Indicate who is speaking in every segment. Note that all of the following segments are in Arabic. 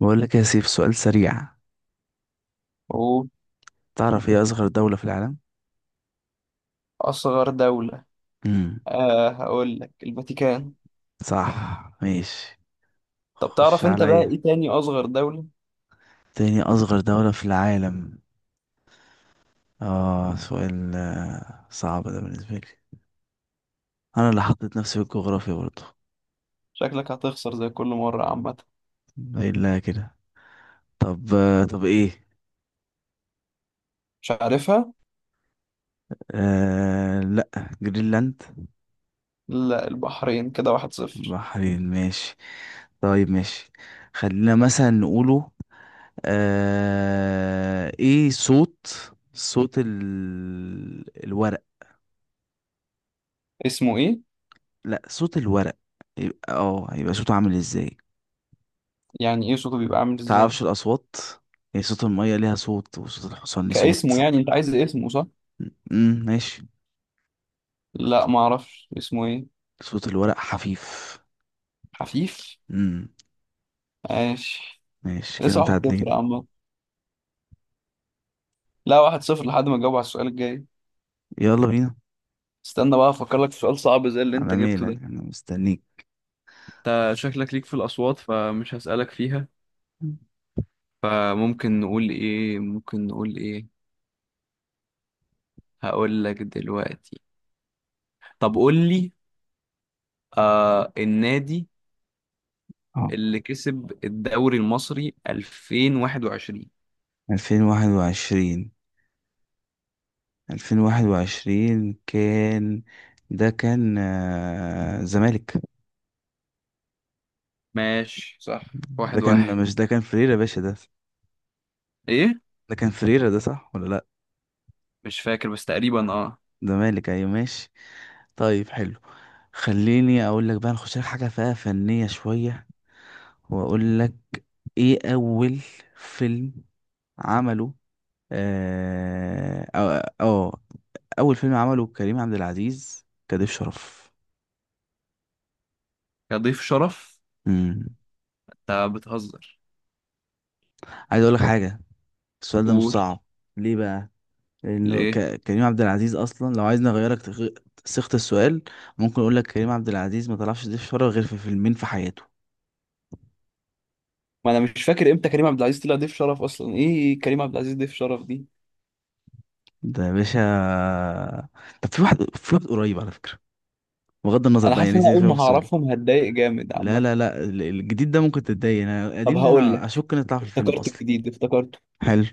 Speaker 1: بقول لك يا سيف سؤال سريع.
Speaker 2: أوه.
Speaker 1: تعرف ايه اصغر دولة في العالم؟
Speaker 2: أصغر دولة.
Speaker 1: امم
Speaker 2: هقول لك الفاتيكان.
Speaker 1: صح. ماشي.
Speaker 2: طب
Speaker 1: خش
Speaker 2: تعرف أنت بقى
Speaker 1: عليا.
Speaker 2: إيه تاني أصغر دولة؟
Speaker 1: تاني اصغر دولة في العالم. اه سؤال صعب ده بالنسبة لي. انا اللي حطيت نفسي في الجغرافيا برضه.
Speaker 2: شكلك هتخسر زي كل مرة عامة.
Speaker 1: الا كده. طب طب ايه.
Speaker 2: مش عارفها؟
Speaker 1: لا. جرينلاند.
Speaker 2: لا، البحرين، كده واحد صفر.
Speaker 1: بحرين ماشي. طيب ماشي. خلينا مثلا نقوله. ايه صوت. صوت ال... الورق.
Speaker 2: اسمه إيه؟
Speaker 1: لا صوت الورق. يبقى هيبقى صوته عامل ازاي؟
Speaker 2: يعني إيه صوته بيبقى عامل إزاي؟
Speaker 1: تعرفش الاصوات؟ يعني صوت المية ليها صوت، وصوت الحصان ليه
Speaker 2: كاسمه
Speaker 1: صوت.
Speaker 2: يعني؟ أنت عايز اسمه صح؟
Speaker 1: ماشي.
Speaker 2: لا، معرفش اسمه إيه؟
Speaker 1: صوت الورق حفيف.
Speaker 2: حفيف؟
Speaker 1: امم
Speaker 2: ماشي.
Speaker 1: ماشي كده
Speaker 2: لسه واحد صفر يا
Speaker 1: متعادلين.
Speaker 2: عم. لا، واحد صفر لحد ما أجاوب على السؤال الجاي.
Speaker 1: يلا بينا.
Speaker 2: استنى بقى أفكر لك في سؤال صعب زي اللي أنت
Speaker 1: على
Speaker 2: جبته ده.
Speaker 1: ميلك انا مستنيك.
Speaker 2: أنت شكلك ليك في الأصوات، فمش هسألك فيها.
Speaker 1: مم.
Speaker 2: فممكن نقول ايه، ممكن نقول ايه. هقول لك دلوقتي. طب قول لي، النادي
Speaker 1: اه،
Speaker 2: اللي كسب الدوري المصري 2021.
Speaker 1: 2021 2021 كان. ده كان زمالك.
Speaker 2: ماشي، صح،
Speaker 1: ده
Speaker 2: واحد
Speaker 1: كان
Speaker 2: واحد.
Speaker 1: مش ده كان فريرة يا باشا ده.
Speaker 2: ايه؟
Speaker 1: ده كان فريرة، ده صح ولا لا؟
Speaker 2: مش فاكر بس تقريبا،
Speaker 1: زمالك ايوه ماشي. طيب حلو. خليني اقول لك بقى نخش لك حاجه فيها فنيه شويه، واقول لك ايه اول فيلم عمله. اه اه آه، اول فيلم عمله كريم عبد العزيز كضيف شرف.
Speaker 2: يا ضيف شرف.
Speaker 1: امم
Speaker 2: انت بتهزر.
Speaker 1: عايز اقول لك حاجه. السؤال ده مش
Speaker 2: قول.
Speaker 1: صعب. ليه بقى؟ لانه
Speaker 2: ليه؟
Speaker 1: كريم عبد العزيز اصلا لو عايز نغيرك صيغه السؤال. ممكن اقول لك كريم عبد العزيز ما طلعش ضيف شرف غير في فيلمين في حياته.
Speaker 2: ما انا مش فاكر امتى كريم عبد العزيز طلع ضيف شرف اصلا، ايه كريم عبد العزيز ضيف شرف دي.
Speaker 1: ده يا باشا. طب في واحد قريب على فكره. بغض النظر
Speaker 2: انا
Speaker 1: بقى،
Speaker 2: حاسس ان
Speaker 1: يعني
Speaker 2: انا
Speaker 1: سيب
Speaker 2: اول
Speaker 1: فيها
Speaker 2: ما
Speaker 1: السؤال.
Speaker 2: هعرفهم هتضايق جامد
Speaker 1: لا
Speaker 2: عامه.
Speaker 1: لا لا، الجديد ده ممكن تتضايق، انا
Speaker 2: طب
Speaker 1: القديم ده
Speaker 2: هقول
Speaker 1: انا
Speaker 2: لك،
Speaker 1: اشك نطلع في الفيلم
Speaker 2: افتكرت
Speaker 1: اصلا.
Speaker 2: الجديد، افتكرته.
Speaker 1: حلو.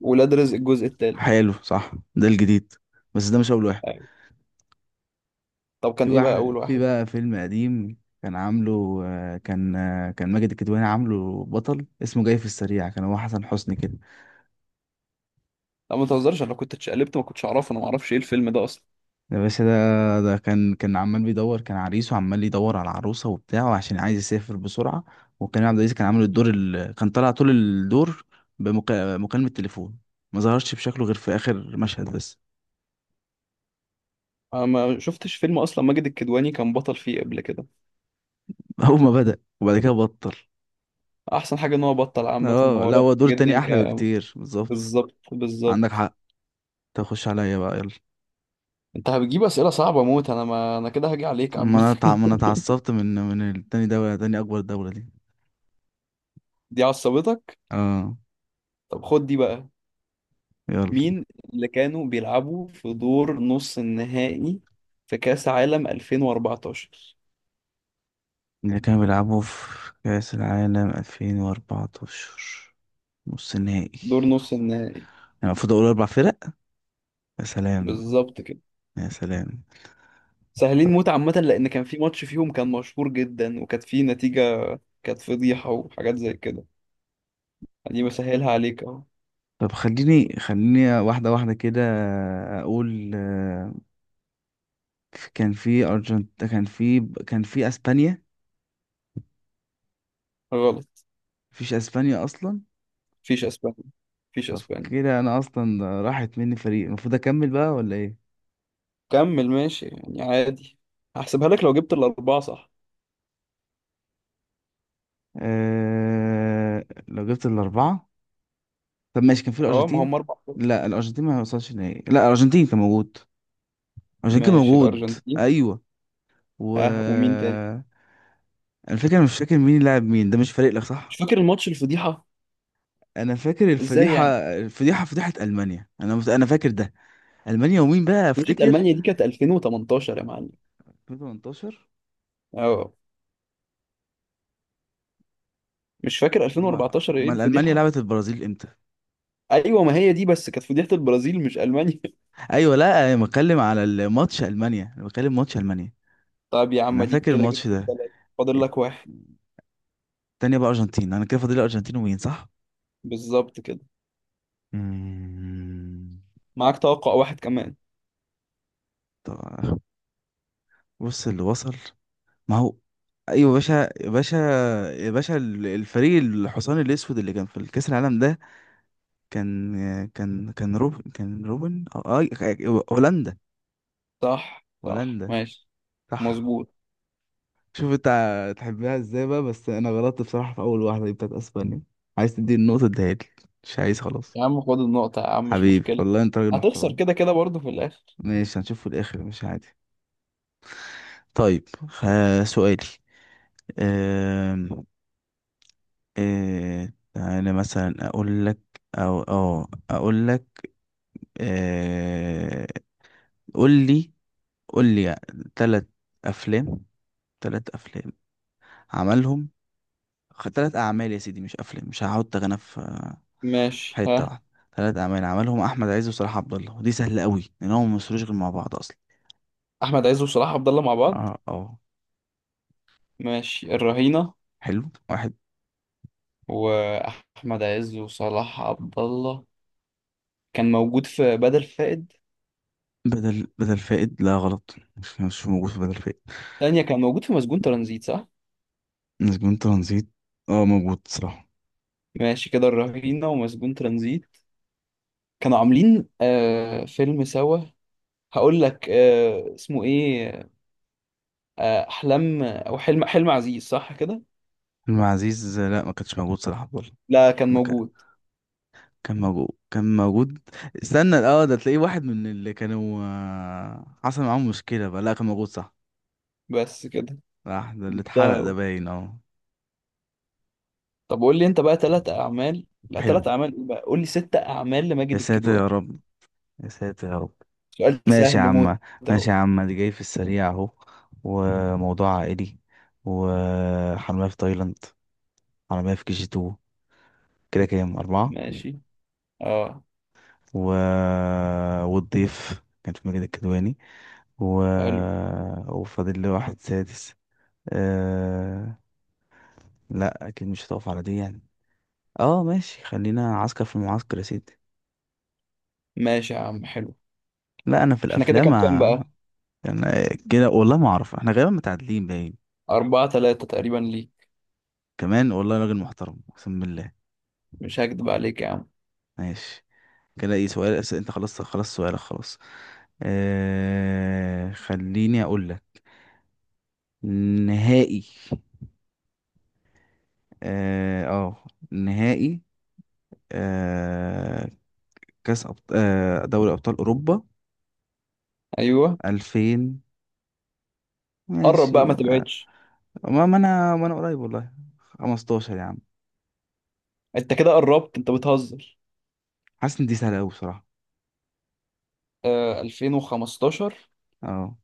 Speaker 2: ولاد رزق الجزء الثالث.
Speaker 1: حلو صح ده الجديد. بس ده مش اول واحد.
Speaker 2: طب
Speaker 1: في
Speaker 2: كان ايه بقى اول
Speaker 1: واحد، في
Speaker 2: واحد؟
Speaker 1: بقى فيلم قديم كان عامله، كان ماجد الكدواني عامله بطل، اسمه جاي في السريع، كان هو حسن حسني كده.
Speaker 2: لا ما تهزرش، انا لو كنت اتشقلبت ما كنتش اعرفه، انا ما اعرفش ايه الفيلم ده اصلا.
Speaker 1: ده باشا. ده كان عمال بيدور، كان عريس وعمال يدور على العروسة وبتاع عشان عايز يسافر بسرعة. وكان عبد العزيز كان عامل كان طالع طول الدور بمكالمة تليفون. ما ظهرش بشكله غير في آخر مشهد بس.
Speaker 2: انا ما شفتش فيلم اصلا ماجد الكدواني كان بطل فيه قبل كده.
Speaker 1: أول ما بدأ، وبعد كده بطل.
Speaker 2: احسن حاجه ان هو بطل، عامه
Speaker 1: اه
Speaker 2: هو
Speaker 1: لا
Speaker 2: رائع
Speaker 1: هو دور تاني
Speaker 2: جدا ك...
Speaker 1: أحلى بكتير بالظبط.
Speaker 2: بالظبط
Speaker 1: عندك
Speaker 2: بالظبط.
Speaker 1: حق. تخش عليا بقى يلا.
Speaker 2: انت هتجيب اسئله صعبه موت، انا ما انا كده هاجي عليك
Speaker 1: ما
Speaker 2: عامه.
Speaker 1: أنا ما أنا اتعصبت من التاني دولة، تاني أكبر دولة دي.
Speaker 2: دي عصبتك؟
Speaker 1: اه.
Speaker 2: طب خد دي بقى.
Speaker 1: يلا.
Speaker 2: مين اللي كانوا بيلعبوا في دور نص النهائي في كاس عالم 2014؟
Speaker 1: اللي كانوا بيلعبوا في كأس العالم 2014، نص نهائي.
Speaker 2: دور نص النهائي،
Speaker 1: انا المفروض اقول اربع فرق؟ يا سلام.
Speaker 2: بالظبط كده.
Speaker 1: يا سلام.
Speaker 2: سهلين
Speaker 1: طب
Speaker 2: موت عامة، لأن كان في ماتش فيهم كان مشهور جدا وكانت فيه نتيجة، كانت فضيحة وحاجات زي كده. دي بسهلها عليك أهو.
Speaker 1: طب خليني واحده واحده كده، اقول كان في كان في اسبانيا.
Speaker 2: غلط.
Speaker 1: مفيش اسبانيا اصلا؟
Speaker 2: مفيش أسبانيا. مفيش
Speaker 1: طب
Speaker 2: أسبانيا.
Speaker 1: كده انا اصلا راحت مني فريق، المفروض اكمل بقى ولا ايه؟
Speaker 2: كمل ماشي يعني عادي. هحسبها لك لو جبت الأربعة صح.
Speaker 1: لو جبت الاربعه. طب ماشي، كان في
Speaker 2: أه، ما
Speaker 1: الارجنتين.
Speaker 2: هم أربعة.
Speaker 1: لا الارجنتين ما وصلش نهائي، لا الارجنتين كان موجود. الارجنتين كان
Speaker 2: ماشي،
Speaker 1: موجود.
Speaker 2: الأرجنتين.
Speaker 1: ايوه. و...
Speaker 2: ها، ومين تاني؟
Speaker 1: انا فاكر، مش فاكر مين لعب مين، ده مش فارق لك
Speaker 2: مش
Speaker 1: صح.
Speaker 2: فاكر الماتش الفضيحة.
Speaker 1: انا فاكر
Speaker 2: إزاي
Speaker 1: الفضيحه.
Speaker 2: يعني؟
Speaker 1: الفضيحه فضيحه المانيا، انا انا فاكر ده. المانيا، ومين بقى
Speaker 2: فضيحة
Speaker 1: افتكر.
Speaker 2: ألمانيا دي كانت 2018 يا معلم.
Speaker 1: 2018؟
Speaker 2: أه. مش فاكر
Speaker 1: هو
Speaker 2: 2014 إيه
Speaker 1: امال المانيا
Speaker 2: الفضيحة.
Speaker 1: لعبت البرازيل امتى؟
Speaker 2: أيوة، ما هي دي بس كانت فضيحة البرازيل مش ألمانيا.
Speaker 1: ايوه لا انا بتكلم على الماتش المانيا، انا بتكلم ماتش المانيا.
Speaker 2: طب يا عم
Speaker 1: انا
Speaker 2: اديك
Speaker 1: فاكر
Speaker 2: كده جبت
Speaker 1: الماتش ده.
Speaker 2: الثلاثة. فاضل
Speaker 1: الت-
Speaker 2: لك واحد.
Speaker 1: التانية بقى ارجنتين، انا كده فاضل الارجنتين ومين، صح؟
Speaker 2: بالظبط كده.
Speaker 1: مم.
Speaker 2: معاك توقع واحد كمان.
Speaker 1: طب بص اللي وصل. ما هو... ايوه يا باشا. يا باشا يا باشا، الفريق الحصان الاسود اللي كان في الكاس العالم ده، كان روبن آه، هولندا.
Speaker 2: صح، صح،
Speaker 1: هولندا.
Speaker 2: ماشي.
Speaker 1: صح.
Speaker 2: مظبوط.
Speaker 1: شوف انت تحبها ازاي بقى. بس انا غلطت بصراحة في اول واحدة دي بتاعت اسبانيا. عايز تدي النقطة اديها لي، مش عايز خلاص.
Speaker 2: يا عم خد النقطة يا عم، مش
Speaker 1: حبيبي
Speaker 2: مشكلة.
Speaker 1: والله انت راجل
Speaker 2: هتخسر
Speaker 1: محترم.
Speaker 2: كده كده برضه في الآخر.
Speaker 1: ماشي هنشوف في الاخر مش عادي. طيب سؤالي. أم... انا مثلا اقول لك، او اه اقول لك. أه... قول لي، قول لي ثلاث افلام. ثلاث افلام عملهم تلات أعمال يا سيدي مش أفلام، مش هحط غنى في في
Speaker 2: ماشي.
Speaker 1: حتة
Speaker 2: ها.
Speaker 1: واحدة. تلات أعمال عملهم أحمد عز وصلاح عبد الله، ودي سهلة قوي لأن هم ممثلوش غير مع بعض أصلا.
Speaker 2: أحمد عز وصلاح عبد الله مع بعض؟
Speaker 1: اه.
Speaker 2: ماشي، الرهينة.
Speaker 1: حلو. واحد.
Speaker 2: وأحمد عز وصلاح عبد الله كان موجود في بدل فائد.
Speaker 1: بدل فائد لا غلط، مش موجود في بدل فائد.
Speaker 2: تانية كان موجود في مسجون ترانزيت صح؟
Speaker 1: نسبين ترانزيت. اه موجود صراحة.
Speaker 2: ماشي، كده الرهينة ومسجون ترانزيت. كانوا عاملين فيلم سوا. هقول لك اسمه ايه، احلام او حلم عزيز صح كده.
Speaker 1: فيلم عزيز لا ما كانش موجود صلاح عبد الله.
Speaker 2: لا كان
Speaker 1: ده كان،
Speaker 2: موجود.
Speaker 1: كان موجود. استنى اه، ده تلاقيه واحد من اللي كانوا حصل معاهم مشكلة بقى، لا كان موجود صح.
Speaker 2: بس كده.
Speaker 1: راح ده اللي
Speaker 2: جبتها
Speaker 1: اتحرق ده
Speaker 2: أهو.
Speaker 1: باين اه.
Speaker 2: طب قول لي انت بقى ثلاث اعمال، لا
Speaker 1: حلو.
Speaker 2: ثلاث اعمال ايه بقى، قول لي ست اعمال
Speaker 1: يا
Speaker 2: لماجد
Speaker 1: ساتر
Speaker 2: الكدواني.
Speaker 1: يا رب. يا ساتر يا رب.
Speaker 2: سؤال
Speaker 1: ماشي يا
Speaker 2: سهل موت.
Speaker 1: عم.
Speaker 2: اهو.
Speaker 1: ماشي يا عم دي جاي في السريع اهو. وموضوع عائلي. وحرامية في تايلاند. حرامية في كي جي تو. كده كام أربعة
Speaker 2: ماشي. اه.
Speaker 1: والضيف كان في ماجد الكدواني. و...
Speaker 2: حلو.
Speaker 1: وفاضل لي واحد سادس. أه... لا أكيد مش هتقف على دي يعني. اه ماشي، خلينا عسكر في المعسكر يا سيدي.
Speaker 2: ماشي يا عم، حلو.
Speaker 1: لا أنا في
Speaker 2: احنا كده
Speaker 1: الأفلام.
Speaker 2: كام، كام بقى؟
Speaker 1: أنا كده والله ما أعرف، احنا غالبا متعادلين باين.
Speaker 2: أربعة ثلاثة تقريبا ليك.
Speaker 1: كمان والله راجل محترم اقسم بالله.
Speaker 2: مش هكدب عليك يا عم.
Speaker 1: ماشي. كده ايه سؤال انت خلصت خلاص؟ سؤالك خلاص. خليني اقول لك نهائي. اه آه، نهائي. آه كاس أبط... آه دوري ابطال اوروبا
Speaker 2: ايوه.
Speaker 1: 2000.
Speaker 2: قرب
Speaker 1: ماشي.
Speaker 2: بقى، ما
Speaker 1: آه،
Speaker 2: تبعدش.
Speaker 1: ما ما انا ما انا قريب والله. 15 يا عم.
Speaker 2: انت كده قربت، انت بتهزر.
Speaker 1: حاسس ان دي سهله قوي بصراحه.
Speaker 2: 2015.
Speaker 1: اه.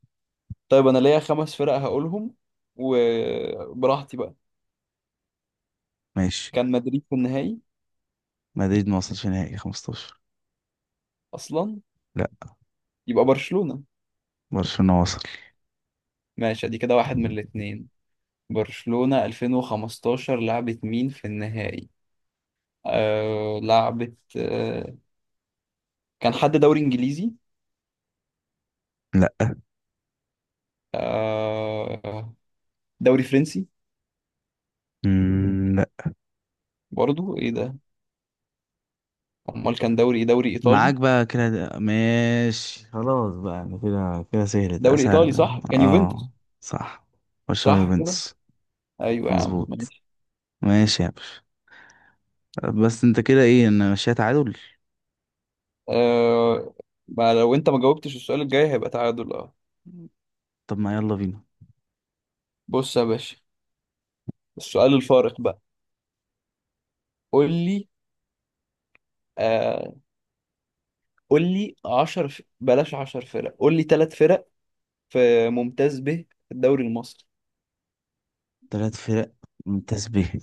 Speaker 2: طيب انا ليا خمس فرق هقولهم، وبراحتي بقى.
Speaker 1: ماشي.
Speaker 2: كان مدريد في النهائي
Speaker 1: مدريد ما وصلش نهائي 15
Speaker 2: اصلا؟
Speaker 1: لا.
Speaker 2: يبقى برشلونة.
Speaker 1: برشلونه وصل.
Speaker 2: ماشي، ادي كده واحد من الاتنين. برشلونة 2015 لعبت مين في النهائي؟ لعبت، كان حد دوري انجليزي؟
Speaker 1: لا.
Speaker 2: آه. دوري فرنسي؟
Speaker 1: لا.
Speaker 2: برضو ايه ده؟ امال كان دوري ايه، دوري
Speaker 1: معاك
Speaker 2: ايطالي؟
Speaker 1: بقى كده، ماشي خلاص بقى، يعني كده كده سهلت
Speaker 2: دوري
Speaker 1: اسهل
Speaker 2: ايطالي،
Speaker 1: ده.
Speaker 2: صح، كان
Speaker 1: اه.
Speaker 2: يوفنتوس.
Speaker 1: صح. برشلونة
Speaker 2: صح كده.
Speaker 1: يوفنتوس.
Speaker 2: ايوه يا عم
Speaker 1: مظبوط.
Speaker 2: ماشي.
Speaker 1: ماشي يا باشا. بس انت كده ايه، انا ماشيها تعادل.
Speaker 2: آه. ما لو انت ما جاوبتش السؤال الجاي هيبقى تعادل اه.
Speaker 1: طب ما يلا بينا.
Speaker 2: بص يا باشا، السؤال الفارق بقى. قول لي، آه قول لي 10 بلاش، 10 فرق، قول لي ثلاث فرق في ممتاز به في الدوري المصري.
Speaker 1: تلات فرق ممتاز به.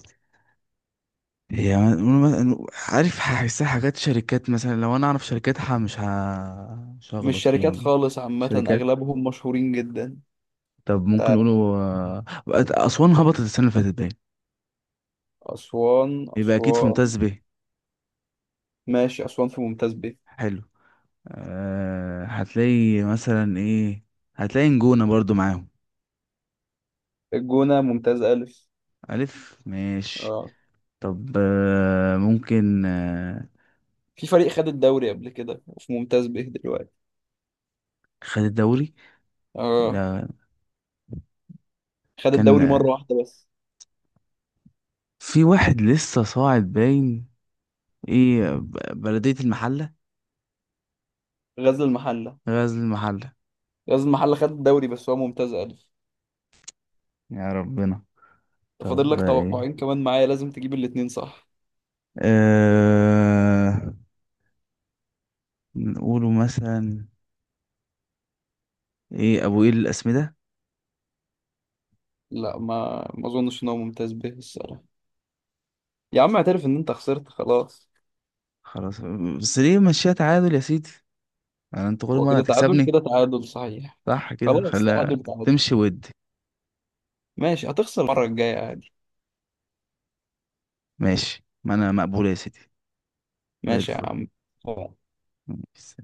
Speaker 1: هي عارف هحسها حاجات شركات مثلا، لو انا اعرف شركاتها مش
Speaker 2: مش
Speaker 1: هغلط فيها
Speaker 2: شركات
Speaker 1: يعني.
Speaker 2: خالص عامة،
Speaker 1: شركات.
Speaker 2: أغلبهم مشهورين جدا.
Speaker 1: طب ممكن
Speaker 2: تا-
Speaker 1: نقوله آه، اسوان هبطت السنة اللي فاتت باين،
Speaker 2: أسوان،
Speaker 1: يبقى اكيد في
Speaker 2: أسوان.
Speaker 1: ممتاز به.
Speaker 2: ماشي، أسوان في ممتاز به.
Speaker 1: حلو. أه هتلاقي مثلا ايه، هتلاقي نجونة برضو معاهم.
Speaker 2: الجونة ممتاز ألف.
Speaker 1: ألف ماشي.
Speaker 2: اه.
Speaker 1: طب أه ممكن أه
Speaker 2: في فريق خد الدوري قبل كده وفي ممتاز به دلوقتي.
Speaker 1: خد الدوري؟
Speaker 2: اه
Speaker 1: لا.
Speaker 2: خد
Speaker 1: كان
Speaker 2: الدوري مرة واحدة بس.
Speaker 1: في واحد لسه صاعد باين. ايه ب- بلدية المحلة.
Speaker 2: غزل المحلة.
Speaker 1: غزل المحلة.
Speaker 2: غزل المحلة خد الدوري بس هو ممتاز ألف.
Speaker 1: يا ربنا.
Speaker 2: فاضل
Speaker 1: طب
Speaker 2: لك
Speaker 1: ده ايه؟
Speaker 2: توقعين كمان معايا، لازم تجيب الاتنين صح.
Speaker 1: أه نقوله مثلا ايه، ابو ايه الاسمدة.
Speaker 2: لا، ما اظنش ان هو ممتاز به الصراحه. يا عم اعترف ان انت خسرت خلاص.
Speaker 1: خلاص. بس ليه ماشية تعادل يا سيدي؟ انا انت كل
Speaker 2: هو
Speaker 1: مرة
Speaker 2: كده تعادل،
Speaker 1: هتكسبني.
Speaker 2: كده تعادل صحيح.
Speaker 1: صح كده
Speaker 2: خلاص،
Speaker 1: خليها
Speaker 2: تعادل تعادل.
Speaker 1: تمشي ود.
Speaker 2: ماشي، هتخسر المره الجايه عادي.
Speaker 1: ماشي ما انا مقبولة يا سيدي. زي
Speaker 2: ماشي يا
Speaker 1: الفل.
Speaker 2: عم.
Speaker 1: ماشي.